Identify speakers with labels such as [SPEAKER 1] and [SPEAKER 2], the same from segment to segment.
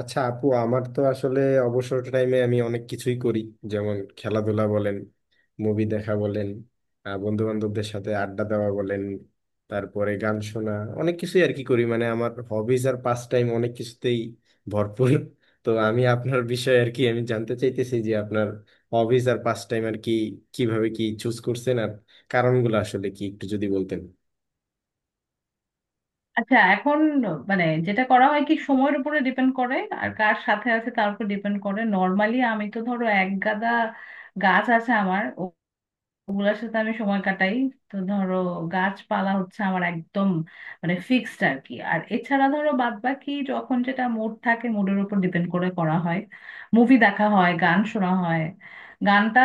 [SPEAKER 1] আচ্ছা আপু আমার তো আসলে অবসর টাইমে আমি অনেক কিছুই করি, যেমন খেলাধুলা বলেন, মুভি দেখা বলেন, বন্ধু বান্ধবদের সাথে আড্ডা দেওয়া বলেন, তারপরে গান শোনা। অনেক কিছুই আর কি করি, মানে আমার হবিজ আর পাস টাইম অনেক কিছুতেই ভরপুর। তো আমি আপনার বিষয়ে আর কি আমি জানতে চাইতেছি যে আপনার হবিজ আর পাস টাইম আর কি কিভাবে কি চুজ করছেন, আর কারণগুলো আসলে কি একটু যদি বলতেন।
[SPEAKER 2] আচ্ছা, এখন মানে যেটা করা হয় কি সময়ের উপরে ডিপেন্ড করে, আর কার সাথে আছে তার উপর ডিপেন্ড করে। নর্মালি আমি তো ধরো এক গাদা গাছ আছে আমার, ওগুলার সাথে আমি সময় কাটাই। তো ধরো গাছপালা হচ্ছে আমার একদম মানে ফিক্সড আর কি। আর এছাড়া ধরো বাদ বাকি যখন যেটা মুড থাকে মুডের উপর ডিপেন্ড করে করা হয়, মুভি দেখা হয়, গান শোনা হয়। গানটা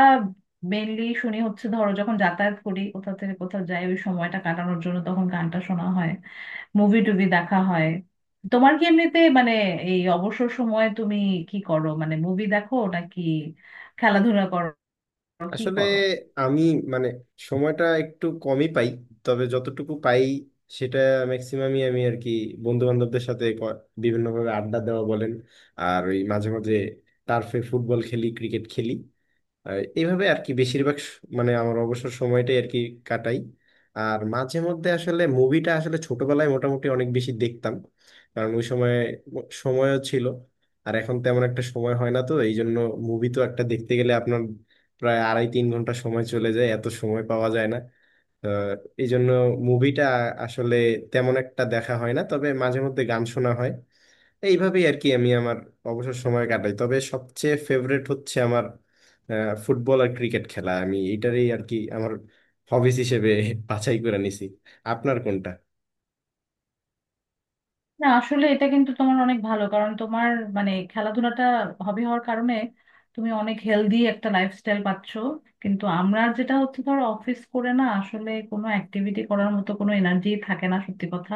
[SPEAKER 2] মেনলি শুনি হচ্ছে ধরো যখন যাতায়াত করি, কোথা থেকে কোথাও যাই, ওই সময়টা কাটানোর জন্য তখন গানটা শোনা হয়, মুভি টুভি দেখা হয়। তোমার কি এমনিতে মানে এই অবসর সময়ে তুমি কি করো? মানে মুভি দেখো নাকি খেলাধুলা করো, কি
[SPEAKER 1] আসলে
[SPEAKER 2] করো?
[SPEAKER 1] আমি মানে সময়টা একটু কমই পাই, তবে যতটুকু পাই সেটা ম্যাক্সিমামই আমি আর কি বন্ধু বান্ধবদের সাথে বিভিন্নভাবে আড্ডা দেওয়া বলেন, আর ওই মাঝে মাঝে টার্ফে ফুটবল খেলি, ক্রিকেট খেলি। আর এইভাবে আর কি বেশিরভাগ মানে আমার অবসর সময়টাই আর কি কাটাই। আর মাঝে মধ্যে আসলে মুভিটা আসলে ছোটবেলায় মোটামুটি অনেক বেশি দেখতাম, কারণ ওই সময় সময়ও ছিল, আর এখন তেমন একটা সময় হয় না তো এই জন্য। মুভি তো একটা দেখতে গেলে আপনার প্রায় আড়াই তিন ঘন্টা সময় চলে যায়, এত সময় পাওয়া যায় না। আহ, এই জন্য মুভিটা আসলে তেমন একটা দেখা হয় না, তবে মাঝে মধ্যে গান শোনা হয়। এইভাবেই আর কি আমি আমার অবসর সময় কাটাই, তবে সবচেয়ে ফেভারেট হচ্ছে আমার ফুটবল আর ক্রিকেট খেলা। আমি এইটারই আর কি আমার হবিস হিসেবে বাছাই করে নিছি। আপনার কোনটা?
[SPEAKER 2] না, আসলে এটা কিন্তু তোমার অনেক ভালো কারণ তোমার মানে খেলাধুলাটা হবি হওয়ার কারণে তুমি অনেক হেলদি একটা লাইফস্টাইল পাচ্ছ। কিন্তু আমরা যেটা হচ্ছে ধর, অফিস করে না আসলে কোনো অ্যাক্টিভিটি করার মতো কোনো এনার্জি থাকে না, সত্যি কথা।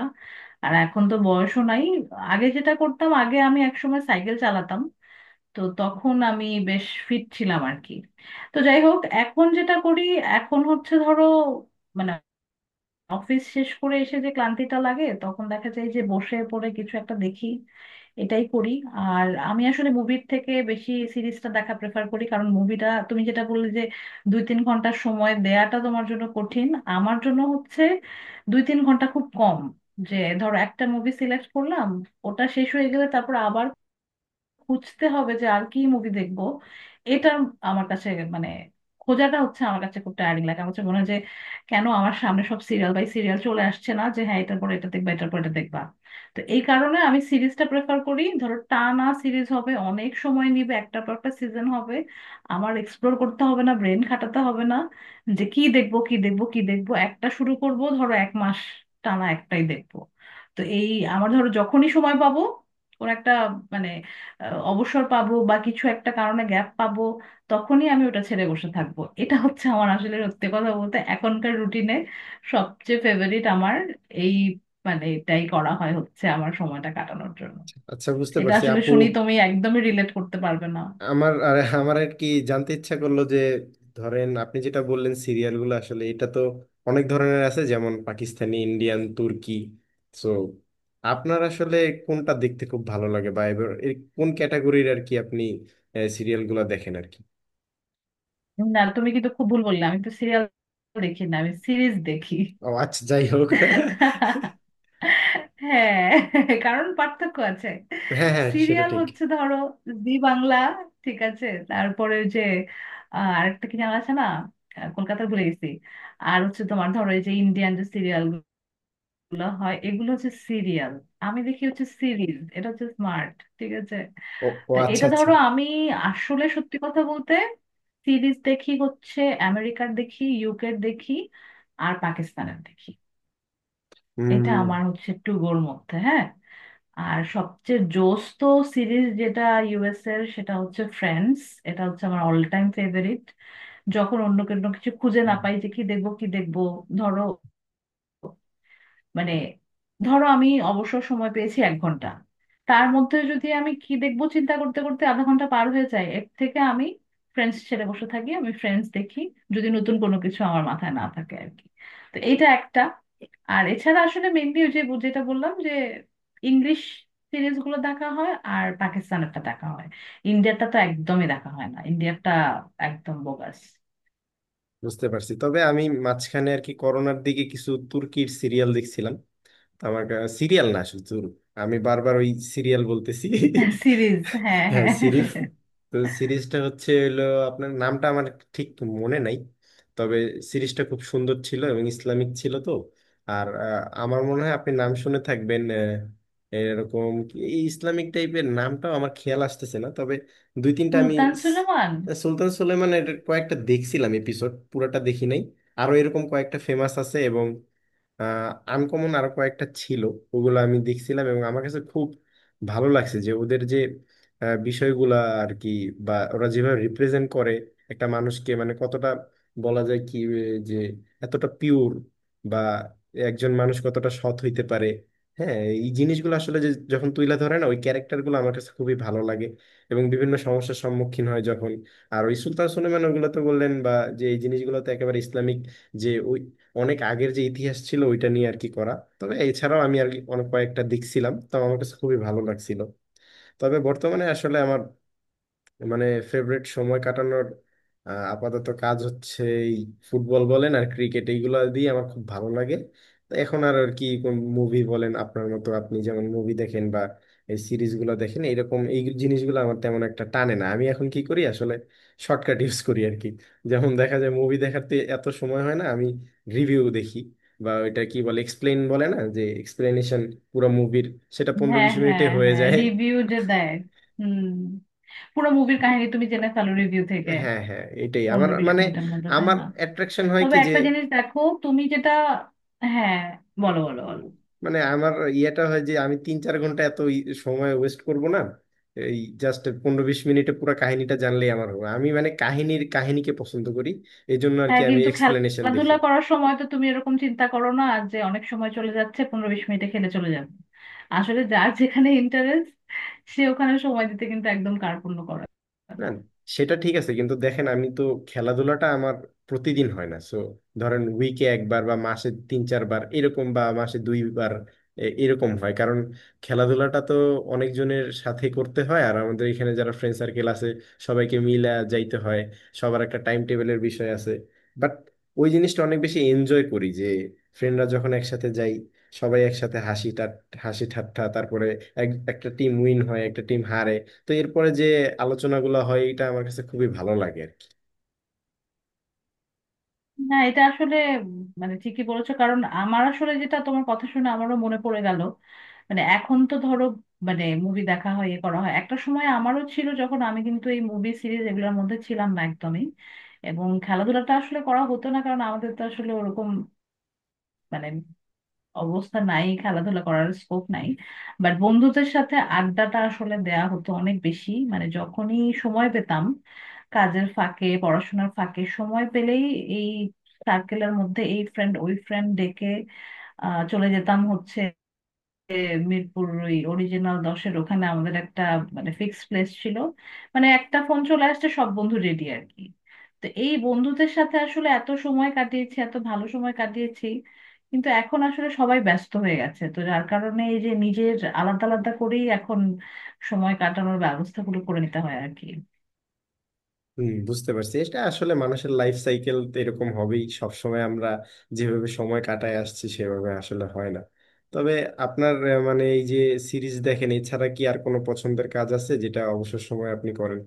[SPEAKER 2] আর এখন তো বয়সও নাই। আগে যেটা করতাম, আগে আমি একসময় সাইকেল চালাতাম, তো তখন আমি বেশ ফিট ছিলাম আর কি। তো যাই হোক, এখন যেটা করি, এখন হচ্ছে ধরো মানে অফিস শেষ করে এসে যে ক্লান্তিটা লাগে তখন দেখা যায় যে বসে পড়ে কিছু একটা দেখি, এটাই করি। আর আমি আসলে মুভির থেকে বেশি সিরিজটা দেখা প্রেফার করি, কারণ মুভিটা তুমি যেটা বললে যে 2-3 ঘন্টার সময় দেয়াটা তোমার জন্য কঠিন, আমার জন্য হচ্ছে 2-3 ঘন্টা খুব কম। যে ধরো একটা মুভি সিলেক্ট করলাম, ওটা শেষ হয়ে গেলে তারপর আবার খুঁজতে হবে যে আর কি মুভি দেখব, এটা আমার কাছে মানে খোঁজাটা হচ্ছে আমার কাছে খুব টায়ারিং লাগে। আমার কাছে মনে হয় যে কেন আমার সামনে সব সিরিয়াল বাই সিরিয়াল চলে আসছে না, যে হ্যাঁ এটার পরে এটা দেখবা, এটার পর এটা দেখবা। তো এই কারণে আমি সিরিজটা প্রেফার করি। ধরো টানা সিরিজ হবে, অনেক সময় নিবে, একটা পর একটা সিজন হবে, আমার এক্সপ্লোর করতে হবে না, ব্রেন খাটাতে হবে না যে কি দেখবো কি দেখবো কি দেখবো। একটা শুরু করব ধরো 1 মাস টানা একটাই দেখবো। তো এই আমার ধরো যখনই সময় পাবো, ওর একটা মানে অবসর পাবো বা কিছু একটা কারণে গ্যাপ পাবো, তখনই আমি ওটা ছেড়ে বসে থাকবো। এটা হচ্ছে আমার আসলে সত্যি কথা বলতে এখনকার রুটিনে সবচেয়ে ফেভারিট আমার এই মানে এটাই করা হয় হচ্ছে আমার সময়টা কাটানোর জন্য।
[SPEAKER 1] আচ্ছা, বুঝতে
[SPEAKER 2] এটা
[SPEAKER 1] পারছি
[SPEAKER 2] আসলে
[SPEAKER 1] আপু।
[SPEAKER 2] শুনি তুমি একদমই রিলেট করতে পারবে না।
[SPEAKER 1] আমার আর আমার আর কি জানতে ইচ্ছা করলো যে, ধরেন আপনি যেটা বললেন সিরিয়ালগুলো, আসলে এটা তো অনেক ধরনের আছে, যেমন পাকিস্তানি, ইন্ডিয়ান, তুর্কি। সো আপনার আসলে কোনটা দেখতে খুব ভালো লাগে বা এবার এর কোন ক্যাটাগরির আর কি আপনি সিরিয়ালগুলো দেখেন আর কি?
[SPEAKER 2] না তুমি কিন্তু খুব ভুল বললে, আমি তো সিরিয়াল দেখি না, আমি সিরিজ দেখি।
[SPEAKER 1] ও আচ্ছা, যাই হোক।
[SPEAKER 2] হ্যাঁ, কারণ পার্থক্য আছে।
[SPEAKER 1] হ্যাঁ, হ্যাঁ, সেটা
[SPEAKER 2] সিরিয়াল
[SPEAKER 1] ঠিক।
[SPEAKER 2] হচ্ছে ধরো জি বাংলা, ঠিক আছে, তারপরে ওই যে আরেকটা কি জানা আছে না, কলকাতার ভুলে গেছি। আর হচ্ছে তোমার ধরো এই যে ইন্ডিয়ান যে সিরিয়াল গুলো হয়, এগুলো হচ্ছে সিরিয়াল। আমি দেখি হচ্ছে সিরিজ, এটা হচ্ছে স্মার্ট, ঠিক আছে।
[SPEAKER 1] ও, ও
[SPEAKER 2] তো
[SPEAKER 1] আচ্ছা,
[SPEAKER 2] এটা
[SPEAKER 1] আচ্ছা।
[SPEAKER 2] ধরো আমি আসলে সত্যি কথা বলতে সিরিজ দেখি হচ্ছে আমেরিকার দেখি, ইউকের দেখি, আর পাকিস্তানের দেখি। এটা
[SPEAKER 1] হুম,
[SPEAKER 2] আমার হচ্ছে একটু গোর মধ্যে, হ্যাঁ। আর সবচেয়ে জোস তো সিরিজ যেটা ইউএস এর, সেটা হচ্ছে ফ্রেন্ডস, এটা হচ্ছে আমার অল টাইম ফেভারিট। যখন অন্য কোনো কিছু খুঁজে না পাই যে কি দেখবো কি দেখবো, ধরো মানে ধরো আমি অবসর সময় পেয়েছি 1 ঘন্টা, তার মধ্যে যদি আমি কি দেখবো চিন্তা করতে করতে আধা ঘন্টা পার হয়ে যায়, এর থেকে আমি ফ্রেন্ডস ছেড়ে বসে থাকি, আমি ফ্রেন্ডস দেখি যদি নতুন কোনো কিছু আমার মাথায় না থাকে আর কি। তো এটা একটা। আর এছাড়া আসলে মেনলি ওই যে যেটা বললাম যে ইংলিশ সিরিজ গুলো দেখা হয় আর পাকিস্তানেরটা দেখা হয়, ইন্ডিয়াটা তো একদমই দেখা হয় না, ইন্ডিয়াটা একদম বোগাস।
[SPEAKER 1] বুঝতে পারছি। তবে আমি মাঝখানে আর কি করোনার দিকে কিছু তুর্কির সিরিয়াল দেখছিলাম। আমার সিরিয়াল না, শুধু আমি বারবার ওই সিরিয়াল বলতেছি।
[SPEAKER 2] সিরিজ হ্যাঁ
[SPEAKER 1] হ্যাঁ,
[SPEAKER 2] হ্যাঁ।
[SPEAKER 1] সিরিজ। তো সিরিজটা হচ্ছে হলো, আপনার নামটা আমার ঠিক মনে নাই, তবে সিরিজটা খুব সুন্দর ছিল এবং ইসলামিক ছিল। তো আর আমার মনে হয় আপনি নাম শুনে থাকবেন। এরকম এই ইসলামিক টাইপের নামটাও আমার খেয়াল আসতেছে না, তবে দুই তিনটা আমি
[SPEAKER 2] সুলতান
[SPEAKER 1] স-
[SPEAKER 2] সুলেমান।
[SPEAKER 1] সুলতান সুলেমান এর কয়েকটা দেখছিলাম, এপিসোড পুরোটা দেখি নাই। আরো এরকম কয়েকটা ফেমাস আছে এবং আনকমন আরো কয়েকটা ছিল, ওগুলো আমি দেখছিলাম এবং আমার কাছে খুব ভালো লাগছে যে ওদের যে বিষয়গুলা আর কি, বা ওরা যেভাবে রিপ্রেজেন্ট করে একটা মানুষকে, মানে কতটা বলা যায় কি যে এতটা পিওর বা একজন মানুষ কতটা সৎ হইতে পারে, হ্যাঁ, এই জিনিসগুলো আসলে যে যখন তুইলা ধরে না ওই ক্যারেক্টারগুলো, আমার কাছে খুবই ভালো লাগে। এবং বিভিন্ন সমস্যার সম্মুখীন হয় যখন, আর ওই সুলতান সুলেমান ওগুলো তো বললেন, বা যে এই জিনিসগুলো তো একেবারে ইসলামিক, যে ওই অনেক আগের যে ইতিহাস ছিল ওইটা নিয়ে আর কি করা। তবে এছাড়াও আমি আর কি অনেক কয়েকটা দেখছিলাম তো আমার কাছে খুবই ভালো লাগছিল। তবে বর্তমানে আসলে আমার মানে ফেভারিট সময় কাটানোর আপাতত কাজ হচ্ছে এই ফুটবল বলেন আর ক্রিকেট, এইগুলো দিয়ে আমার খুব ভালো লাগে। তো এখন আর আর কি কোন মুভি বলেন আপনার মতো, আপনি যেমন মুভি দেখেন বা এই সিরিজগুলো দেখেন এরকম, এই জিনিসগুলো আমার তেমন একটা টানে না। আমি এখন কি করি আসলে, শর্টকাট ইউজ করি আর কি। যেমন দেখা যায় মুভি দেখাতে এত সময় হয় না, আমি রিভিউ দেখি বা ওইটা কি বলে এক্সপ্লেন বলে না, যে এক্সপ্লেনেশন পুরো মুভির, সেটা পনেরো
[SPEAKER 2] হ্যাঁ
[SPEAKER 1] বিশ মিনিটে
[SPEAKER 2] হ্যাঁ
[SPEAKER 1] হয়ে
[SPEAKER 2] হ্যাঁ,
[SPEAKER 1] যায়।
[SPEAKER 2] রিভিউ যে দেয়, হুম, পুরো মুভির কাহিনী তুমি জেনে ফেলো রিভিউ থেকে
[SPEAKER 1] হ্যাঁ, হ্যাঁ, এটাই আমার
[SPEAKER 2] পনেরো বিশ
[SPEAKER 1] মানে
[SPEAKER 2] মিনিটের মধ্যে, তাই
[SPEAKER 1] আমার
[SPEAKER 2] না?
[SPEAKER 1] অ্যাট্রাকশন হয়
[SPEAKER 2] তবে
[SPEAKER 1] কি যে,
[SPEAKER 2] একটা জিনিস দেখো, তুমি যেটা, হ্যাঁ বলো বলো
[SPEAKER 1] উম,
[SPEAKER 2] বলো।
[SPEAKER 1] মানে আমার ইয়েটা হয় যে আমি 3-4 ঘন্টা এত সময় ওয়েস্ট করব না, এই জাস্ট 15-20 মিনিটে পুরো কাহিনীটা জানলেই আমার হবে। আমি মানে কাহিনীর কাহিনীকে পছন্দ করি, এই জন্য আর কি
[SPEAKER 2] হ্যাঁ
[SPEAKER 1] আমি
[SPEAKER 2] কিন্তু
[SPEAKER 1] এক্সপ্লেনেশন দেখি।
[SPEAKER 2] খেলাধুলা করার সময় তো তুমি এরকম চিন্তা করো না যে অনেক সময় চলে যাচ্ছে, 15-20 মিনিটে খেলে চলে যাবে। আসলে যার যেখানে ইন্টারেস্ট, সে ওখানে সময় দিতে কিন্তু একদম কার্পণ্য করে
[SPEAKER 1] না
[SPEAKER 2] না।
[SPEAKER 1] সেটা ঠিক আছে, কিন্তু দেখেন আমি তো খেলাধুলাটা আমার প্রতিদিন হয় না, সো ধরেন উইকে একবার বা মাসে তিন চারবার এরকম, বা মাসে দুইবার এরকম হয়। কারণ খেলাধুলাটা তো অনেকজনের সাথে করতে হয়, আর আমাদের এখানে যারা ফ্রেন্ড সার্কেল আছে সবাইকে মিলা যাইতে হয়, সবার একটা টাইম টেবিলের বিষয় আছে। বাট ওই জিনিসটা অনেক বেশি এনজয় করি যে ফ্রেন্ডরা যখন একসাথে যাই, সবাই একসাথে হাসি টা হাসি ঠাট্টা, তারপরে একটা টিম উইন হয় একটা টিম হারে, তো এরপরে যে আলোচনাগুলো হয় এটা আমার কাছে খুবই ভালো লাগে আর কি।
[SPEAKER 2] না, এটা আসলে মানে ঠিকই বলেছো, কারণ আমার আসলে যেটা তোমার কথা শুনে আমারও মনে পড়ে গেল। মানে এখন তো ধরো মানে মুভি দেখা হয় ইয়ে করা হয়, একটা সময় আমারও ছিল যখন আমি কিন্তু এই মুভি সিরিজ এগুলোর মধ্যে ছিলাম না একদমই। এবং খেলাধুলাটা আসলে করা হতো না, কারণ আমাদের তো আসলে ওরকম মানে অবস্থা নাই, খেলাধুলা করার স্কোপ নাই। বাট বন্ধুদের সাথে আড্ডাটা আসলে দেয়া হতো অনেক বেশি, মানে যখনই সময় পেতাম, কাজের ফাঁকে পড়াশোনার ফাঁকে সময় পেলেই এই সার্কেলের মধ্যে এই ফ্রেন্ড ওই ফ্রেন্ড ডেকে চলে যেতাম হচ্ছে এ মিরপুর ওই অরিজিনাল দশের ওখানে আমাদের একটা মানে ফিক্সড প্লেস ছিল। মানে একটা ফোন চলে আসছে, সব বন্ধু রেডি আর কি। তো এই বন্ধুদের সাথে আসলে এত সময় কাটিয়েছি, এত ভালো সময় কাটিয়েছি, কিন্তু এখন আসলে সবাই ব্যস্ত হয়ে গেছে, তো যার কারণে এই যে নিজের আলাদা আলাদা করেই এখন সময় কাটানোর ব্যবস্থাগুলো করে নিতে হয় আর কি।
[SPEAKER 1] হম, বুঝতে পারছি। এটা আসলে মানুষের লাইফ সাইকেল, এরকম হবেই। সবসময় আমরা যেভাবে সময় কাটায় আসছি সেভাবে আসলে হয় না। তবে আপনার মানে এই যে সিরিজ দেখেন, এছাড়া কি আর কোনো পছন্দের কাজ আছে যেটা অবসর সময় আপনি করেন?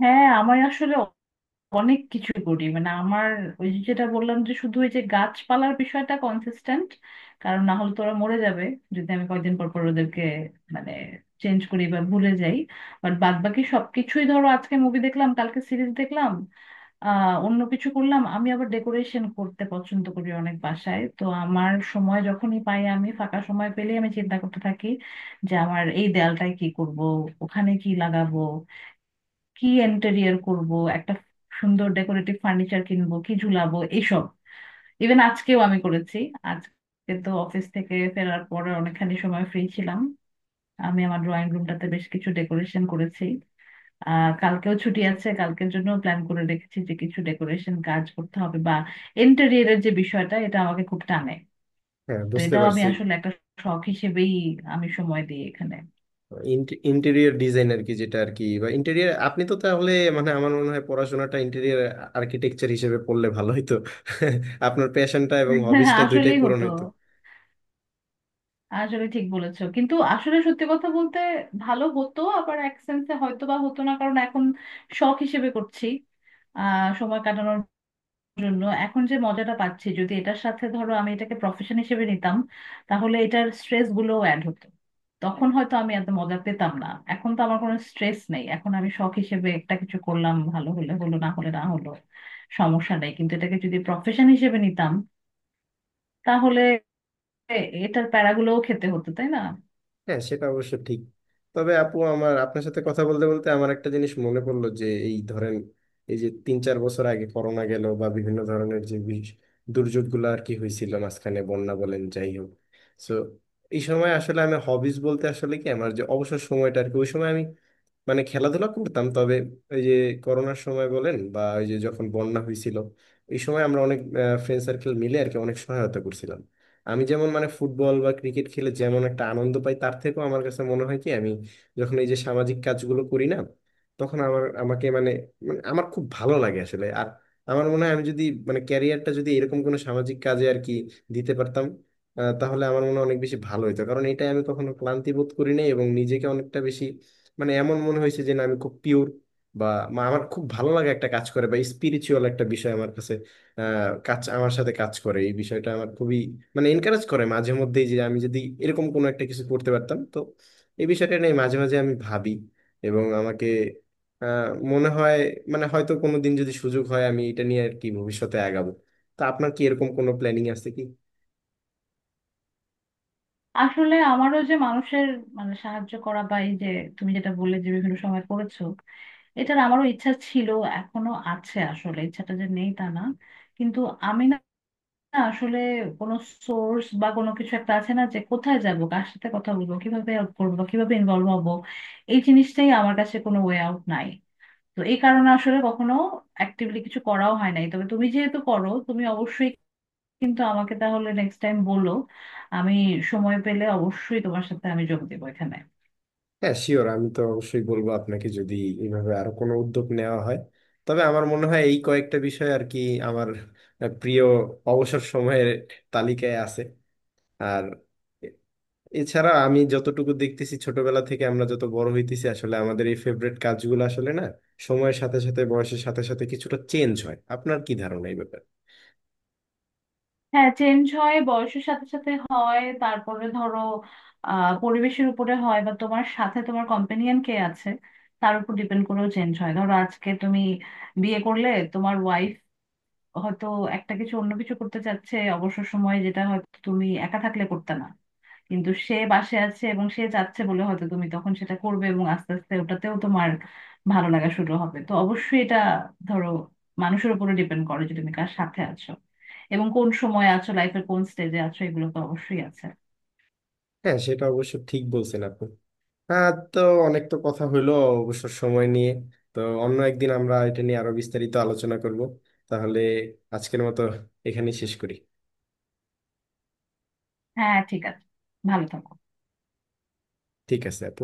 [SPEAKER 2] হ্যাঁ, আমার আসলে অনেক কিছু করি, মানে আমার ওই যে যেটা বললাম যে শুধু ওই যে গাছপালার বিষয়টা কনসিস্টেন্ট, কারণ না হলে তোরা মরে যাবে যদি আমি কয়েকদিন পর পর ওদেরকে মানে চেঞ্জ করি বা ভুলে যাই। বাট বাদ বাকি সবকিছুই ধরো আজকে মুভি দেখলাম, কালকে সিরিজ দেখলাম, আহ অন্য কিছু করলাম। আমি আবার ডেকোরেশন করতে পছন্দ করি অনেক, বাসায় তো আমার সময় যখনই পাই, আমি ফাঁকা সময় পেলেই আমি চিন্তা করতে থাকি যে আমার এই দেয়ালটায় কি করব, ওখানে কি লাগাবো, কি ইন্টেরিয়র করব, একটা সুন্দর ডেকোরেটিভ ফার্নিচার কিনবো, কি ঝুলাবো এইসব। ইভেন আজকেও আমি করেছি, আজকে তো অফিস থেকে ফেরার পরে অনেকখানি সময় ফ্রি ছিলাম, আমি আমার ড্রয়িং রুমটাতে বেশ কিছু ডেকোরেশন করেছি। আহ কালকেও ছুটি আছে, কালকের জন্য প্ল্যান করে রেখেছি যে কিছু ডেকোরেশন কাজ করতে হবে। বা ইন্টেরিয়রের যে বিষয়টা, এটা আমাকে খুব টানে।
[SPEAKER 1] হ্যাঁ,
[SPEAKER 2] তো
[SPEAKER 1] বুঝতে
[SPEAKER 2] এটাও আমি
[SPEAKER 1] পারছি।
[SPEAKER 2] আসলে একটা শখ হিসেবেই আমি সময় দিই এখানে।
[SPEAKER 1] ইন্টেরিয়র ডিজাইন আর কি যেটা আর কি, বা ইন্টেরিয়র, আপনি তো তাহলে মানে আমার মনে হয় পড়াশোনাটা ইন্টেরিয়র আর্কিটেকচার হিসেবে পড়লে ভালো হতো। আপনার প্যাশনটা এবং হবিসটা দুইটাই
[SPEAKER 2] আসলেই
[SPEAKER 1] পূরণ
[SPEAKER 2] হতো।
[SPEAKER 1] হইতো।
[SPEAKER 2] আসলে ঠিক বলেছো, কিন্তু আসলে সত্যি কথা বলতে, ভালো হতো, আবার এক সেন্সে হয়তো বা হতো না, কারণ এখন শখ হিসেবে করছি আহ সময় কাটানোর জন্য, এখন যে মজাটা পাচ্ছি, যদি এটার সাথে ধরো আমি এটাকে প্রফেশন হিসেবে নিতাম, তাহলে এটার স্ট্রেস গুলোও অ্যাড হতো, তখন হয়তো আমি এত মজা পেতাম না। এখন তো আমার কোনো স্ট্রেস নেই, এখন আমি শখ হিসেবে একটা কিছু করলাম, ভালো হলে হলো, না হলে না হলো, সমস্যা নেই। কিন্তু এটাকে যদি প্রফেশন হিসেবে নিতাম, তাহলে এটার প্যারাগুলোও খেতে হতো, তাই না?
[SPEAKER 1] হ্যাঁ, সেটা অবশ্য ঠিক। তবে আপু আমার আপনার সাথে কথা বলতে বলতে আমার একটা জিনিস মনে পড়লো যে এই ধরেন এই যে 3-4 বছর আগে করোনা গেল, বা বিভিন্ন ধরনের যে দুর্যোগগুলো আর কি হয়েছিল মাঝখানে, বন্যা বলেন যাই হোক। সো এই সময় আসলে আমি হবিজ বলতে আসলে কি আমার যে অবসর সময়টা আর কি, ওই সময় আমি মানে খেলাধুলা করতাম। তবে ওই যে করোনার সময় বলেন বা ওই যে যখন বন্যা হয়েছিল, এই সময় আমরা অনেক ফ্রেন্ড সার্কেল মিলে আর কি অনেক সহায়তা করছিলাম। আমি যেমন মানে ফুটবল বা ক্রিকেট খেলে যেমন একটা আনন্দ পাই, তার থেকেও আমার কাছে মনে হয় কি আমি যখন এই যে সামাজিক কাজগুলো করি না, তখন আমার আমাকে মানে মানে আমার খুব ভালো লাগে আসলে। আর আমার মনে হয় আমি যদি মানে ক্যারিয়ারটা যদি এরকম কোনো সামাজিক কাজে আর কি দিতে পারতাম, তাহলে আমার মনে হয় অনেক বেশি ভালো হতো। কারণ এটাই আমি কখনো ক্লান্তি বোধ করি নাই এবং নিজেকে অনেকটা বেশি মানে এমন মনে হয়েছে যে না আমি খুব পিওর, বা আমার খুব ভালো লাগে একটা কাজ করে, বা স্পিরিচুয়াল একটা বিষয় আমার কাছে কাজ আমার সাথে কাজ করে। এই বিষয়টা আমার খুবই মানে এনকারেজ করে মাঝে মধ্যেই যে আমি যদি এরকম কোনো একটা কিছু করতে পারতাম, তো এই বিষয়টা নিয়ে মাঝে মাঝে আমি ভাবি এবং আমাকে আহ, মনে হয় মানে হয়তো কোনো দিন যদি সুযোগ হয় আমি এটা নিয়ে আর কি ভবিষ্যতে আগাবো। তা আপনার কি এরকম কোনো প্ল্যানিং আছে কি?
[SPEAKER 2] আসলে আমারও যে মানুষের মানে সাহায্য করা বা এই যে তুমি যেটা বললে যে বিভিন্ন সময় করেছো, এটার আমারও ইচ্ছা ছিল, এখনো আছে। আসলে ইচ্ছাটা যে নেই তা না, কিন্তু আমি না আসলে কোনো সোর্স বা কোনো কিছু একটা আছে না যে কোথায় যাব, কার সাথে কথা বলবো, কিভাবে হেল্প করবো বা কিভাবে ইনভলভ হবো, এই জিনিসটাই আমার কাছে কোনো ওয়ে আউট নাই। তো এই কারণে আসলে কখনো অ্যাক্টিভলি কিছু করাও হয় নাই। তবে তুমি যেহেতু করো, তুমি অবশ্যই কিন্তু আমাকে তাহলে নেক্সট টাইম বলো, আমি সময় পেলে অবশ্যই তোমার সাথে আমি যোগ দেবো এখানে।
[SPEAKER 1] হ্যাঁ শিওর, আমি তো অবশ্যই বলবো আপনাকে, যদি এইভাবে আরো কোনো উদ্যোগ নেওয়া হয়। তবে আমার মনে হয় এই কয়েকটা বিষয় আর কি আমার প্রিয় অবসর সময়ের তালিকায় আছে। আর এছাড়া আমি যতটুকু দেখতেছি ছোটবেলা থেকে আমরা যত বড় হইতেছি, আসলে আমাদের এই ফেভারিট কাজগুলো আসলে না সময়ের সাথে সাথে বয়সের সাথে সাথে কিছুটা চেঞ্জ হয়। আপনার কি ধারণা এই ব্যাপারে?
[SPEAKER 2] হ্যাঁ চেঞ্জ হয়, বয়সের সাথে সাথে হয়, তারপরে ধরো আহ পরিবেশের উপরে হয়, বা তোমার সাথে তোমার কম্পেনিয়ন কে আছে তার উপর ডিপেন্ড করেও চেঞ্জ হয়। ধরো আজকে তুমি বিয়ে করলে, তোমার ওয়াইফ হয়তো একটা কিছু অন্য কিছু করতে চাচ্ছে অবসর সময়ে, যেটা হয়তো তুমি একা থাকলে করতে না, কিন্তু সে বাসে আছে এবং সে চাচ্ছে বলে হয়তো তুমি তখন সেটা করবে, এবং আস্তে আস্তে ওটাতেও তোমার ভালো লাগা শুরু হবে। তো অবশ্যই এটা ধরো মানুষের উপরে ডিপেন্ড করে যে তুমি কার সাথে আছো, এবং কোন সময় আছো, লাইফের কোন স্টেজে আছো, এগুলো তো অবশ্যই আছে।
[SPEAKER 1] হ্যাঁ সেটা অবশ্য ঠিক বলছেন আপনি। হ্যাঁ, তো অনেক তো কথা হইলো অবসর সময় নিয়ে, তো অন্য একদিন আমরা এটা নিয়ে আরো বিস্তারিত আলোচনা করব। তাহলে আজকের মতো এখানেই শেষ করি।
[SPEAKER 2] হ্যাঁ ঠিক আছে, ভালো থাকো।
[SPEAKER 1] ঠিক আছে আপু।